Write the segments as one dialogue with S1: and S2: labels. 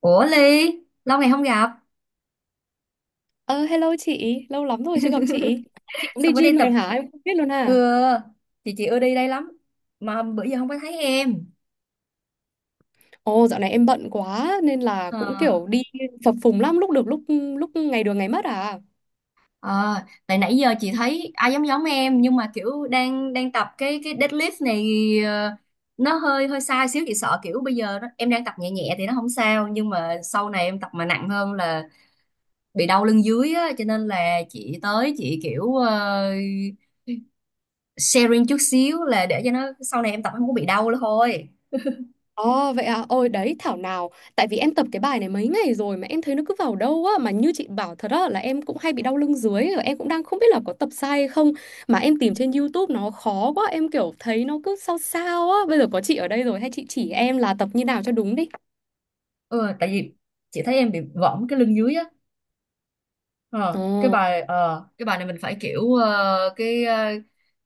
S1: Ủa Ly, lâu ngày không gặp,
S2: Ờ, hello chị, lâu lắm rồi chưa gặp chị. Chị cũng
S1: sao
S2: đi
S1: bữa đây
S2: gym
S1: tập?
S2: này hả? Em không biết luôn
S1: ừ,
S2: à.
S1: chị ưa đi đây lắm mà bữa giờ không có thấy em.
S2: Ồ, dạo này em bận quá nên là
S1: Ờ
S2: cũng kiểu đi phập phùng lắm, lúc được lúc lúc ngày được ngày mất à.
S1: ờ, Tại nãy giờ chị thấy ai giống giống em, nhưng mà kiểu đang đang tập cái deadlift này, ờ, nó hơi hơi sai xíu. Chị sợ kiểu bây giờ nó, em đang tập nhẹ nhẹ thì nó không sao, nhưng mà sau này em tập mà nặng hơn là bị đau lưng dưới á, cho nên là chị tới chị kiểu sharing chút xíu là để cho nó sau này em tập không có bị đau nữa thôi.
S2: Ồ vậy à, ôi đấy thảo nào. Tại vì em tập cái bài này mấy ngày rồi mà em thấy nó cứ vào đâu á, mà như chị bảo thật á, là em cũng hay bị đau lưng dưới và em cũng đang không biết là có tập sai hay không, mà em tìm trên YouTube nó khó quá, em kiểu thấy nó cứ sao sao á. Bây giờ có chị ở đây rồi hay chị chỉ em là tập như nào cho đúng đi.
S1: Ừ, tại vì chị thấy em bị võng cái lưng dưới á.
S2: Ồ,
S1: Cái bài này mình phải kiểu,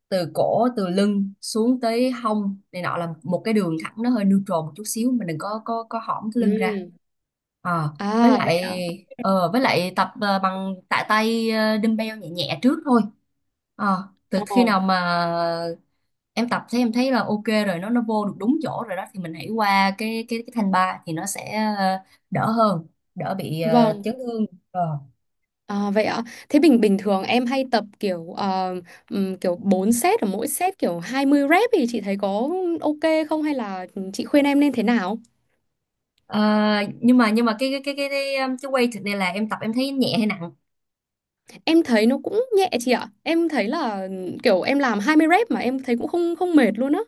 S1: từ cổ, từ lưng xuống tới hông này nọ là một cái đường thẳng, nó hơi neutral một chút xíu, mình đừng có hõm cái
S2: ừ.
S1: lưng ra. Ờ, với
S2: À vậy
S1: lại
S2: ạ.
S1: với lại tập bằng tạ tay, dumbbell nhẹ nhẹ trước thôi. Từ
S2: Ờ.
S1: khi nào mà em tập thấy em thấy là ok rồi, nó vô được đúng chỗ rồi đó, thì mình hãy qua cái thanh ba thì nó sẽ đỡ hơn, đỡ bị
S2: Vâng,
S1: chấn thương. Ờ.
S2: à, vậy ạ. Thế bình bình thường em hay tập kiểu kiểu 4 set, ở mỗi set kiểu 20 rep thì chị thấy có ok không, hay là chị khuyên em nên thế nào?
S1: Ờ, nhưng mà cái weight này là em tập em thấy nhẹ hay nặng?
S2: Em thấy nó cũng nhẹ chị ạ. Em thấy là kiểu em làm 20 rep mà em thấy cũng không không mệt luôn á.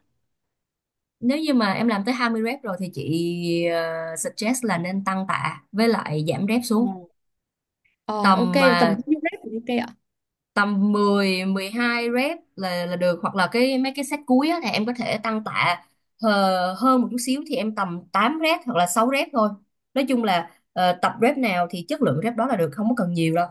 S1: Nếu như mà em làm tới 20 rep rồi thì chị suggest là nên tăng tạ, với lại giảm rep
S2: Ờ.
S1: xuống
S2: Ờ, ok,
S1: tầm
S2: tầm
S1: ờ,
S2: bao nhiêu rep thì ok ạ?
S1: tầm 10 12 rep là được. Hoặc là mấy cái set cuối á, thì em có thể tăng tạ hơn một chút xíu, thì em tầm 8 rep hoặc là 6 rep thôi. Nói chung là tập rep nào thì chất lượng rep đó là được, không có cần nhiều đâu.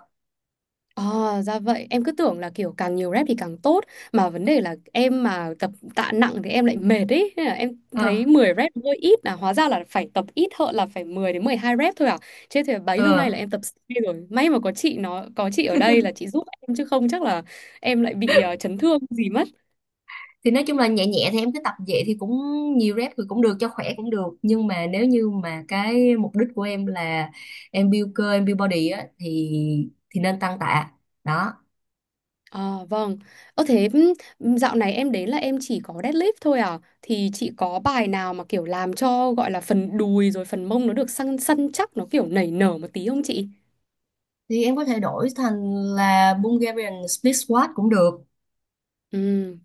S2: Ờ, ra vậy. Em cứ tưởng là kiểu càng nhiều rep thì càng tốt. Mà vấn đề là em mà tập tạ nặng thì em lại mệt ấy. Nên là em
S1: Ờ,
S2: thấy 10 rep hơi ít, là hóa ra là phải tập ít hơn, là phải 10 đến 12 rep thôi à. Chứ thì bấy lâu nay
S1: ờ.
S2: là em tập C rồi. May mà có chị nó có chị ở đây là chị giúp em, chứ không chắc là em lại bị chấn thương gì mất.
S1: Thì nói chung là nhẹ nhẹ thì em cứ tập vậy thì cũng, nhiều rep thì cũng được cho khỏe cũng được, nhưng mà nếu như mà cái mục đích của em là em build cơ em build body á, thì nên tăng tạ đó.
S2: À, vâng. Ơ thế dạo này em đến là em chỉ có deadlift thôi à? Thì chị có bài nào mà kiểu làm cho gọi là phần đùi rồi phần mông nó được săn săn chắc, nó kiểu nảy nở một tí không chị?
S1: Thì em có thể đổi thành là Bulgarian split squat cũng được.
S2: Ừ.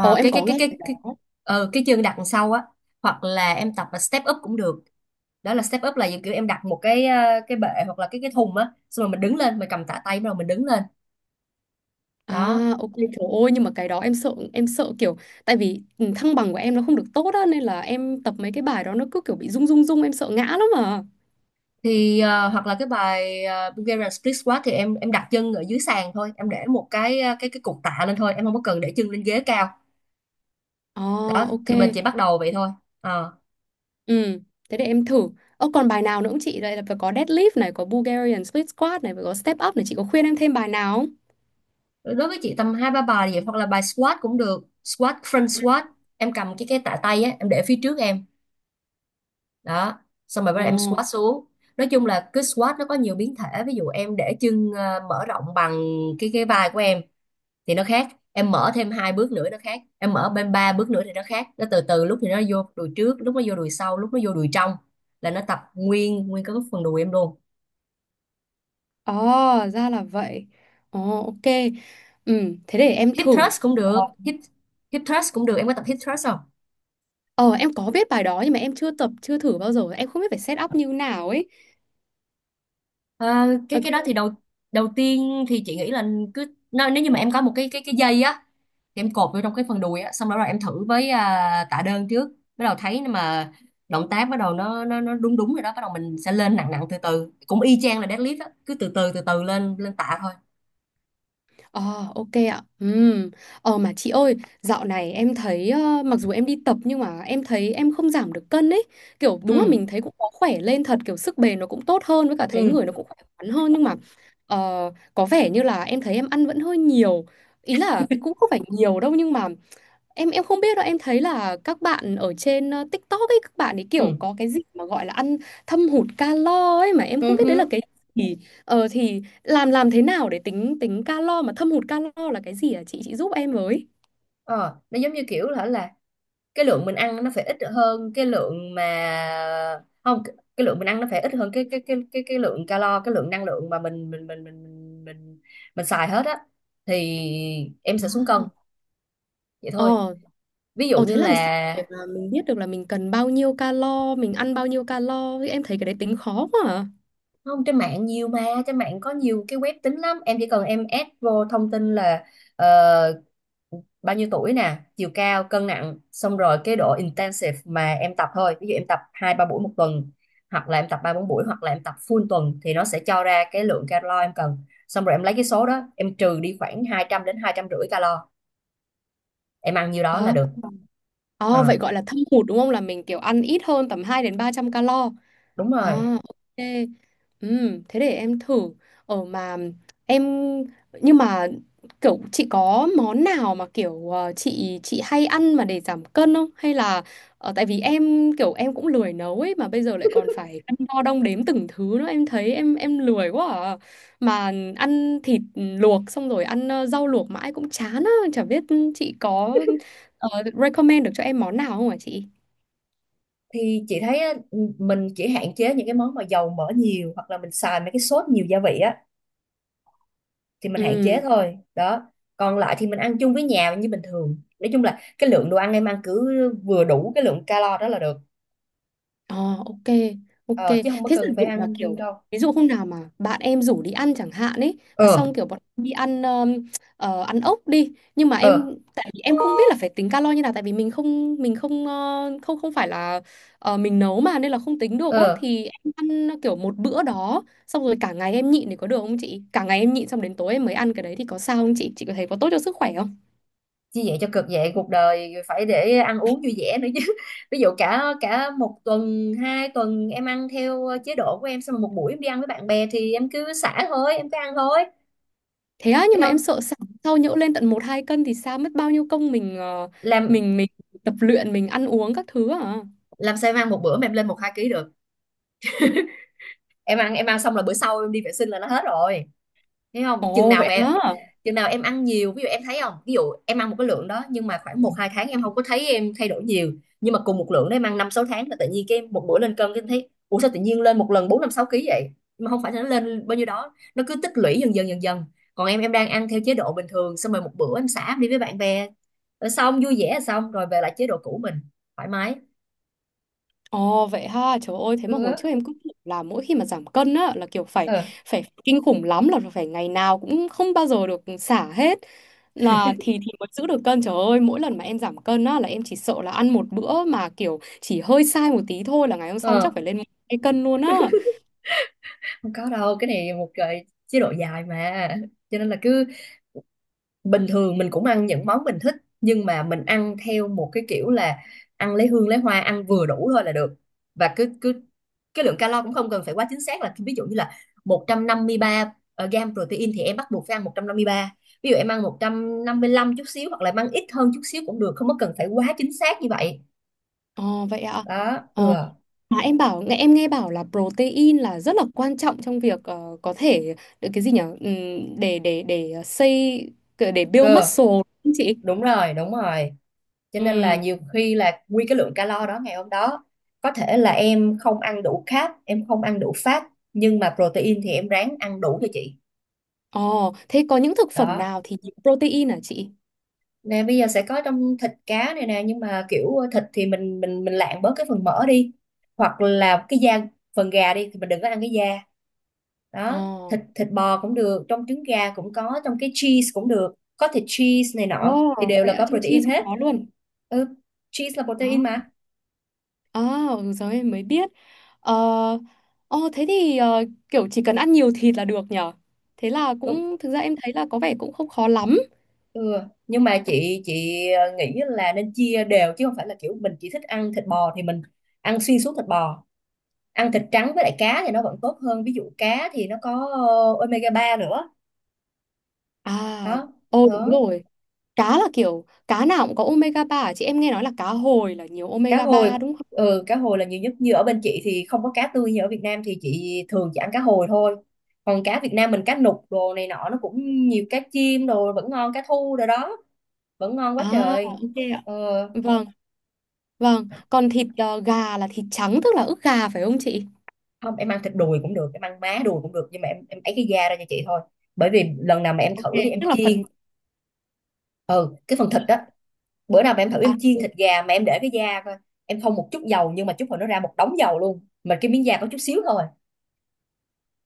S2: Ồ em
S1: cái cái
S2: có
S1: cái
S2: nghe cái
S1: cái cái
S2: đó.
S1: cái chương đặt đằng sau á, hoặc là em tập là step up cũng được. Đó là step up là kiểu em đặt một cái bệ hoặc là cái thùng á, xong rồi mình đứng lên, mình cầm tạ tay, bắt đầu mình đứng lên
S2: À
S1: đó.
S2: ok, trời ơi, nhưng mà cái đó em sợ kiểu, tại vì thăng bằng của em nó không được tốt á, nên là em tập mấy cái bài đó nó cứ kiểu bị rung rung rung, em sợ ngã lắm mà.
S1: Thì hoặc là Bulgarian split squat thì em đặt chân ở dưới sàn thôi, em để một cái ờ, cái cục tạ lên thôi, em không có cần để chân lên ghế cao
S2: À. Ờ,
S1: đó,
S2: ok.
S1: thì mình chỉ bắt đầu vậy thôi. Ờ.
S2: Ừ, thế để em thử. Ơ còn bài nào nữa không chị? Đây là phải có deadlift này, có Bulgarian split squat này, phải có step up này, chị có khuyên em thêm bài nào không?
S1: Đối với chị tầm hai ba bài vậy, hoặc là bài squat cũng được, squat, front squat. Em cầm cái tạ tay á, em để phía trước em đó, xong rồi bắt
S2: Ồ.
S1: đầu em squat xuống. Nói chung là cứ squat nó có nhiều biến thể, ví dụ em để chân mở rộng bằng cái vai của em thì nó khác, em mở thêm hai bước nữa nó khác, em mở bên ba bước nữa thì nó khác. Nó từ từ, lúc thì nó vô đùi trước, lúc nó vô đùi sau, lúc nó vô đùi trong, là nó tập nguyên nguyên cái phần đùi em luôn.
S2: Ờ, ra là vậy. Ồ ok. Ừ, thế để em
S1: Hip
S2: thử.
S1: thrust cũng được,
S2: Ờ.
S1: hip hip thrust cũng được. Em có tập hip thrust không?
S2: Ờ, em có biết bài đó nhưng mà em chưa tập, chưa thử bao giờ, em không biết phải set up như nào ấy.
S1: Ờ, cái đó
S2: Ok.
S1: thì đầu đầu tiên thì chị nghĩ là cứ, nếu như mà em có một cái dây á, thì em cột vô trong cái phần đùi á, xong đó rồi em thử với tạ đơn trước. Bắt đầu thấy mà động tác bắt đầu nó đúng đúng rồi đó, bắt đầu mình sẽ lên nặng nặng từ từ, cũng y chang là deadlift á, cứ từ từ từ từ lên lên tạ thôi.
S2: Ờ, ok ạ. Ừm. Ờ mà chị ơi, dạo này em thấy mặc dù em đi tập nhưng mà em thấy em không giảm được cân ấy. Kiểu đúng là
S1: Ừ,
S2: mình thấy cũng có khỏe lên thật, kiểu sức bền nó cũng tốt hơn, với cả thấy
S1: ừ,
S2: người nó cũng khỏe khoắn hơn, nhưng mà ờ, có vẻ như là em thấy em ăn vẫn hơi nhiều. Ý là cũng không phải nhiều đâu nhưng mà em không biết đâu, em thấy là các bạn ở trên TikTok ấy, các bạn ấy kiểu
S1: ừ,
S2: có cái gì mà gọi là ăn thâm hụt calo ấy, mà em không
S1: ừ
S2: biết đấy
S1: hứ.
S2: là cái gì. Ờ, thì làm thế nào để tính tính calo, mà thâm hụt calo là cái gì à, chị giúp em với.
S1: Ờ nó giống như kiểu là cái lượng mình ăn nó phải ít hơn cái lượng mà, không, cái lượng mình ăn nó phải ít hơn cái lượng năng lượng mà mình mình, mình xài hết á, thì em
S2: À.
S1: sẽ xuống cân vậy thôi.
S2: Ờ
S1: Ví dụ
S2: ờ
S1: như
S2: thế làm sao
S1: là,
S2: để mà mình biết được là mình cần bao nhiêu calo, mình ăn bao nhiêu calo, em thấy cái đấy tính khó quá. À.
S1: không, trên mạng nhiều mà, trên mạng có nhiều cái web tính lắm, em chỉ cần em add vô thông tin là ờ, bao nhiêu tuổi nè, chiều cao, cân nặng, xong rồi cái độ intensive mà em tập thôi. Ví dụ em tập hai ba buổi một tuần, hoặc là em tập ba bốn buổi, hoặc là em tập full tuần, thì nó sẽ cho ra cái lượng calo em cần. Xong rồi em lấy cái số đó em trừ đi khoảng 200 đến 250 calo, em ăn nhiêu đó là
S2: Ờ,
S1: được.
S2: ờ, vậy
S1: Ờ,
S2: gọi là thâm hụt đúng không? Là mình kiểu ăn ít hơn tầm 200 đến 300 calo.
S1: Đúng
S2: À,
S1: rồi.
S2: ok. Thế để em thử. Ở mà em nhưng mà kiểu chị có món nào mà kiểu chị hay ăn mà để giảm cân không? Hay là tại vì em kiểu em cũng lười nấu ấy, mà bây giờ lại còn phải cân đo đong đếm từng thứ nữa, em thấy em lười quá à. Mà ăn thịt luộc xong rồi ăn rau luộc mãi cũng chán á, chả biết chị có ờ, recommend được cho em món nào không hả chị?
S1: Thì chị thấy á, mình chỉ hạn chế những cái món mà dầu mỡ nhiều, hoặc là mình xài mấy cái sốt nhiều gia vị á thì mình hạn
S2: Ừ.
S1: chế thôi đó. Còn lại thì mình ăn chung với nhà như bình thường, nói chung là cái lượng đồ ăn em ăn cứ vừa đủ cái lượng calo đó là được,
S2: Ờ, ok, ok.
S1: ờ, chứ không có
S2: Thế giả
S1: cần phải
S2: dụ mà
S1: ăn riêng
S2: kiểu
S1: đâu.
S2: ví dụ hôm nào mà bạn em rủ đi ăn chẳng hạn ấy, mà
S1: Ờ,
S2: xong kiểu bọn em đi ăn ăn ốc đi, nhưng mà em,
S1: ờ,
S2: tại vì em không biết là phải tính calo như nào, tại vì mình không không không phải là mình nấu mà, nên là không tính được á,
S1: ờ.
S2: thì em ăn kiểu một bữa đó xong rồi cả ngày em nhịn thì có được không chị? Cả ngày em nhịn xong đến tối em mới ăn cái đấy thì có sao không chị? Chị có thấy có tốt cho sức khỏe không?
S1: Như vậy cho cực, vậy cuộc đời phải để ăn uống vui vẻ nữa chứ! Ví dụ cả cả một tuần hai tuần em ăn theo chế độ của em, xong rồi một buổi em đi ăn với bạn bè thì em cứ xả thôi, em cứ ăn thôi.
S2: Thế á, nhưng
S1: Thấy
S2: mà em
S1: không?
S2: sợ sau, sau nhỡ lên tận một hai cân thì sao, mất bao nhiêu công mình
S1: làm
S2: mình tập luyện, mình ăn uống các thứ à?
S1: làm sao em ăn một bữa mà em lên một hai ký được? Em ăn xong là bữa sau em đi vệ sinh là nó hết rồi. Thấy không,
S2: Ồ vậy hả?
S1: chừng nào em ăn nhiều. Ví dụ em thấy không, ví dụ em ăn một cái lượng đó, nhưng mà khoảng một hai tháng em không có thấy em thay đổi nhiều, nhưng mà cùng một lượng đó em ăn năm sáu tháng là tự nhiên cái em một bữa lên cân, cái em thấy ủa sao tự nhiên lên một lần bốn năm sáu ký vậy. Nhưng mà không phải là nó lên bao nhiêu đó, nó cứ tích lũy dần dần dần dần. Còn em đang ăn theo chế độ bình thường, xong rồi một bữa em xả em đi với bạn bè, rồi xong vui vẻ, xong rồi về lại chế độ cũ, mình thoải mái.
S2: Ồ vậy ha. Trời ơi, thế mà hồi
S1: Ừ.
S2: trước em cứ tưởng là mỗi khi mà giảm cân á là kiểu phải,
S1: Ờ,
S2: phải kinh khủng lắm, là phải ngày nào cũng không bao giờ được xả hết. Là thì mới giữ được cân. Trời ơi, mỗi lần mà em giảm cân á là em chỉ sợ là ăn một bữa mà kiểu chỉ hơi sai một tí thôi là ngày hôm sau chắc
S1: ờ.
S2: phải lên 2 cân luôn á.
S1: Không có đâu, cái này một cái chế độ dài mà, cho nên là cứ bình thường mình cũng ăn những món mình thích, nhưng mà mình ăn theo một cái kiểu là ăn lấy hương lấy hoa, ăn vừa đủ thôi là được. Và cứ cứ cái lượng calo cũng không cần phải quá chính xác, là ví dụ như là 153 gram protein thì em bắt buộc phải ăn một trăm năm mươi ba, ví dụ em ăn 155 chút xíu, hoặc là em ăn ít hơn chút xíu cũng được, không có cần phải quá chính xác như vậy.
S2: Ồ vậy ạ.
S1: Đó. Ừ.
S2: Ờ. Mà em nghe bảo là protein là rất là quan trọng trong việc có thể được cái gì nhỉ? Để build
S1: Cơ.
S2: muscle đúng không chị?
S1: Đúng rồi, đúng rồi. Cho nên là
S2: Ừ.
S1: nhiều khi là nguyên cái lượng calo đó ngày hôm đó có thể là em không ăn đủ carb, em không ăn đủ fat, nhưng mà protein thì em ráng ăn đủ cho chị.
S2: Ồ, thế có những thực phẩm
S1: Đó.
S2: nào thì nhiều protein hả chị?
S1: Nè, bây giờ sẽ có trong thịt cá này nè, nhưng mà kiểu thịt thì mình lạng bớt cái phần mỡ đi, hoặc là cái da phần gà đi thì mình đừng có ăn cái da đó.
S2: Ồ.
S1: Thịt thịt bò cũng được, trong trứng gà cũng có, trong cái cheese cũng được, có thịt cheese này
S2: Ồ,
S1: nọ thì đều
S2: vậy
S1: là
S2: ạ,
S1: có
S2: trong chi
S1: protein
S2: không
S1: hết.
S2: có luôn.
S1: Ừ, cheese là
S2: Ờ.
S1: protein mà.
S2: À, ừ, giờ em mới biết. Ờ, ồ, thế thì kiểu chỉ cần ăn nhiều thịt là được nhở? Thế là cũng thực ra em thấy là có vẻ cũng không khó lắm.
S1: Ừ. Nhưng mà chị nghĩ là nên chia đều, chứ không phải là kiểu mình chỉ thích ăn thịt bò thì mình ăn xuyên suốt thịt bò. Ăn thịt trắng với lại cá thì nó vẫn tốt hơn, ví dụ cá thì nó có omega-3 nữa
S2: À,
S1: đó,
S2: ồ đúng
S1: đó.
S2: rồi. Cá là kiểu cá nào cũng có omega 3 à? Chị em nghe nói là cá hồi là nhiều
S1: Cá
S2: omega
S1: hồi,
S2: ba đúng không?
S1: ừ, cá hồi là nhiều nhất. Như ở bên chị thì không có cá tươi, như ở Việt Nam thì chị thường chỉ ăn cá hồi thôi, còn cá Việt Nam mình, cá nục đồ này nọ nó cũng nhiều, cá chim đồ vẫn ngon, cá thu đồ đó vẫn ngon quá
S2: À
S1: trời.
S2: ok ạ.
S1: ờ
S2: Vâng, vâng. Còn thịt gà là thịt trắng tức là ức gà phải không chị?
S1: Không, em ăn thịt đùi cũng được, em ăn má đùi cũng được, nhưng mà em ấy cái da ra cho chị thôi, bởi vì lần nào mà em
S2: Ok,
S1: thử đi em
S2: tức là phần.
S1: chiên. Ừ, cái phần thịt đó. Bữa nào mà em thử
S2: À.
S1: em chiên thịt gà mà em để cái da coi, em không một chút dầu nhưng mà chút hồi nó ra một đống dầu luôn, mà cái miếng da có chút xíu thôi.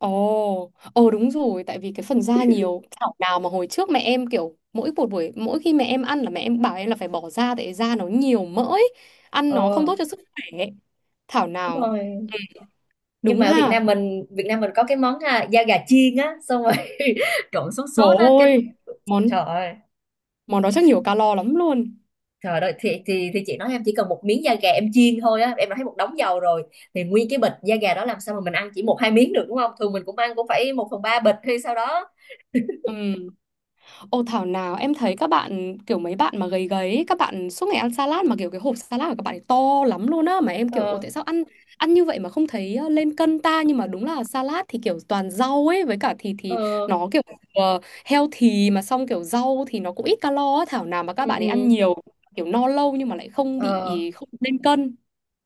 S2: Ồ, ồ đúng rồi, tại vì cái phần da nhiều, thảo nào mà hồi trước mẹ em kiểu mỗi một buổi mỗi khi mẹ em ăn là mẹ em bảo em là phải bỏ da, tại da nó nhiều mỡ ấy. Ăn nó không tốt
S1: ờ
S2: cho sức khỏe ấy. Thảo
S1: Đúng
S2: nào,
S1: rồi. Nhưng
S2: đúng
S1: mà ở Việt
S2: ha.
S1: Nam mình, có cái món, da gà chiên á, xong rồi trộn sốt
S2: Trời
S1: sốt á cái.
S2: ơi, món
S1: Trời ơi!
S2: món đó chắc nhiều calo lắm luôn.
S1: Trời ơi, thì chị nói em chỉ cần một miếng da gà em chiên thôi á, em đã thấy một đống dầu rồi. Thì nguyên cái bịch da gà đó làm sao mà mình ăn chỉ một hai miếng được, đúng không? Thường mình cũng ăn cũng phải một phần ba bịch hay sao đó.
S2: Ừ. Ô thảo nào em thấy các bạn kiểu mấy bạn mà gầy gầy ấy, các bạn suốt ngày ăn salad mà kiểu cái hộp salad của các bạn ấy to lắm luôn á, mà em kiểu ồ
S1: Ờ,
S2: tại sao ăn ăn như vậy mà không thấy lên cân ta, nhưng mà đúng là salad thì kiểu toàn rau ấy với cả thịt thì
S1: ờ,
S2: nó kiểu healthy mà, xong kiểu rau thì nó cũng ít calo á, thảo nào mà các
S1: ừ,
S2: bạn ấy ăn
S1: ừ,
S2: nhiều kiểu no lâu nhưng mà lại không
S1: ờ,
S2: bị, không lên cân.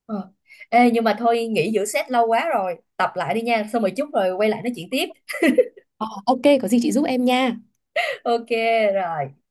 S1: ờ. Ê, nhưng mà thôi, nghỉ giữa set lâu quá rồi, tập lại đi nha, xong rồi chút rồi quay lại nói chuyện tiếp.
S2: Ờ, ok có gì chị giúp em nha.
S1: Ok, rồi.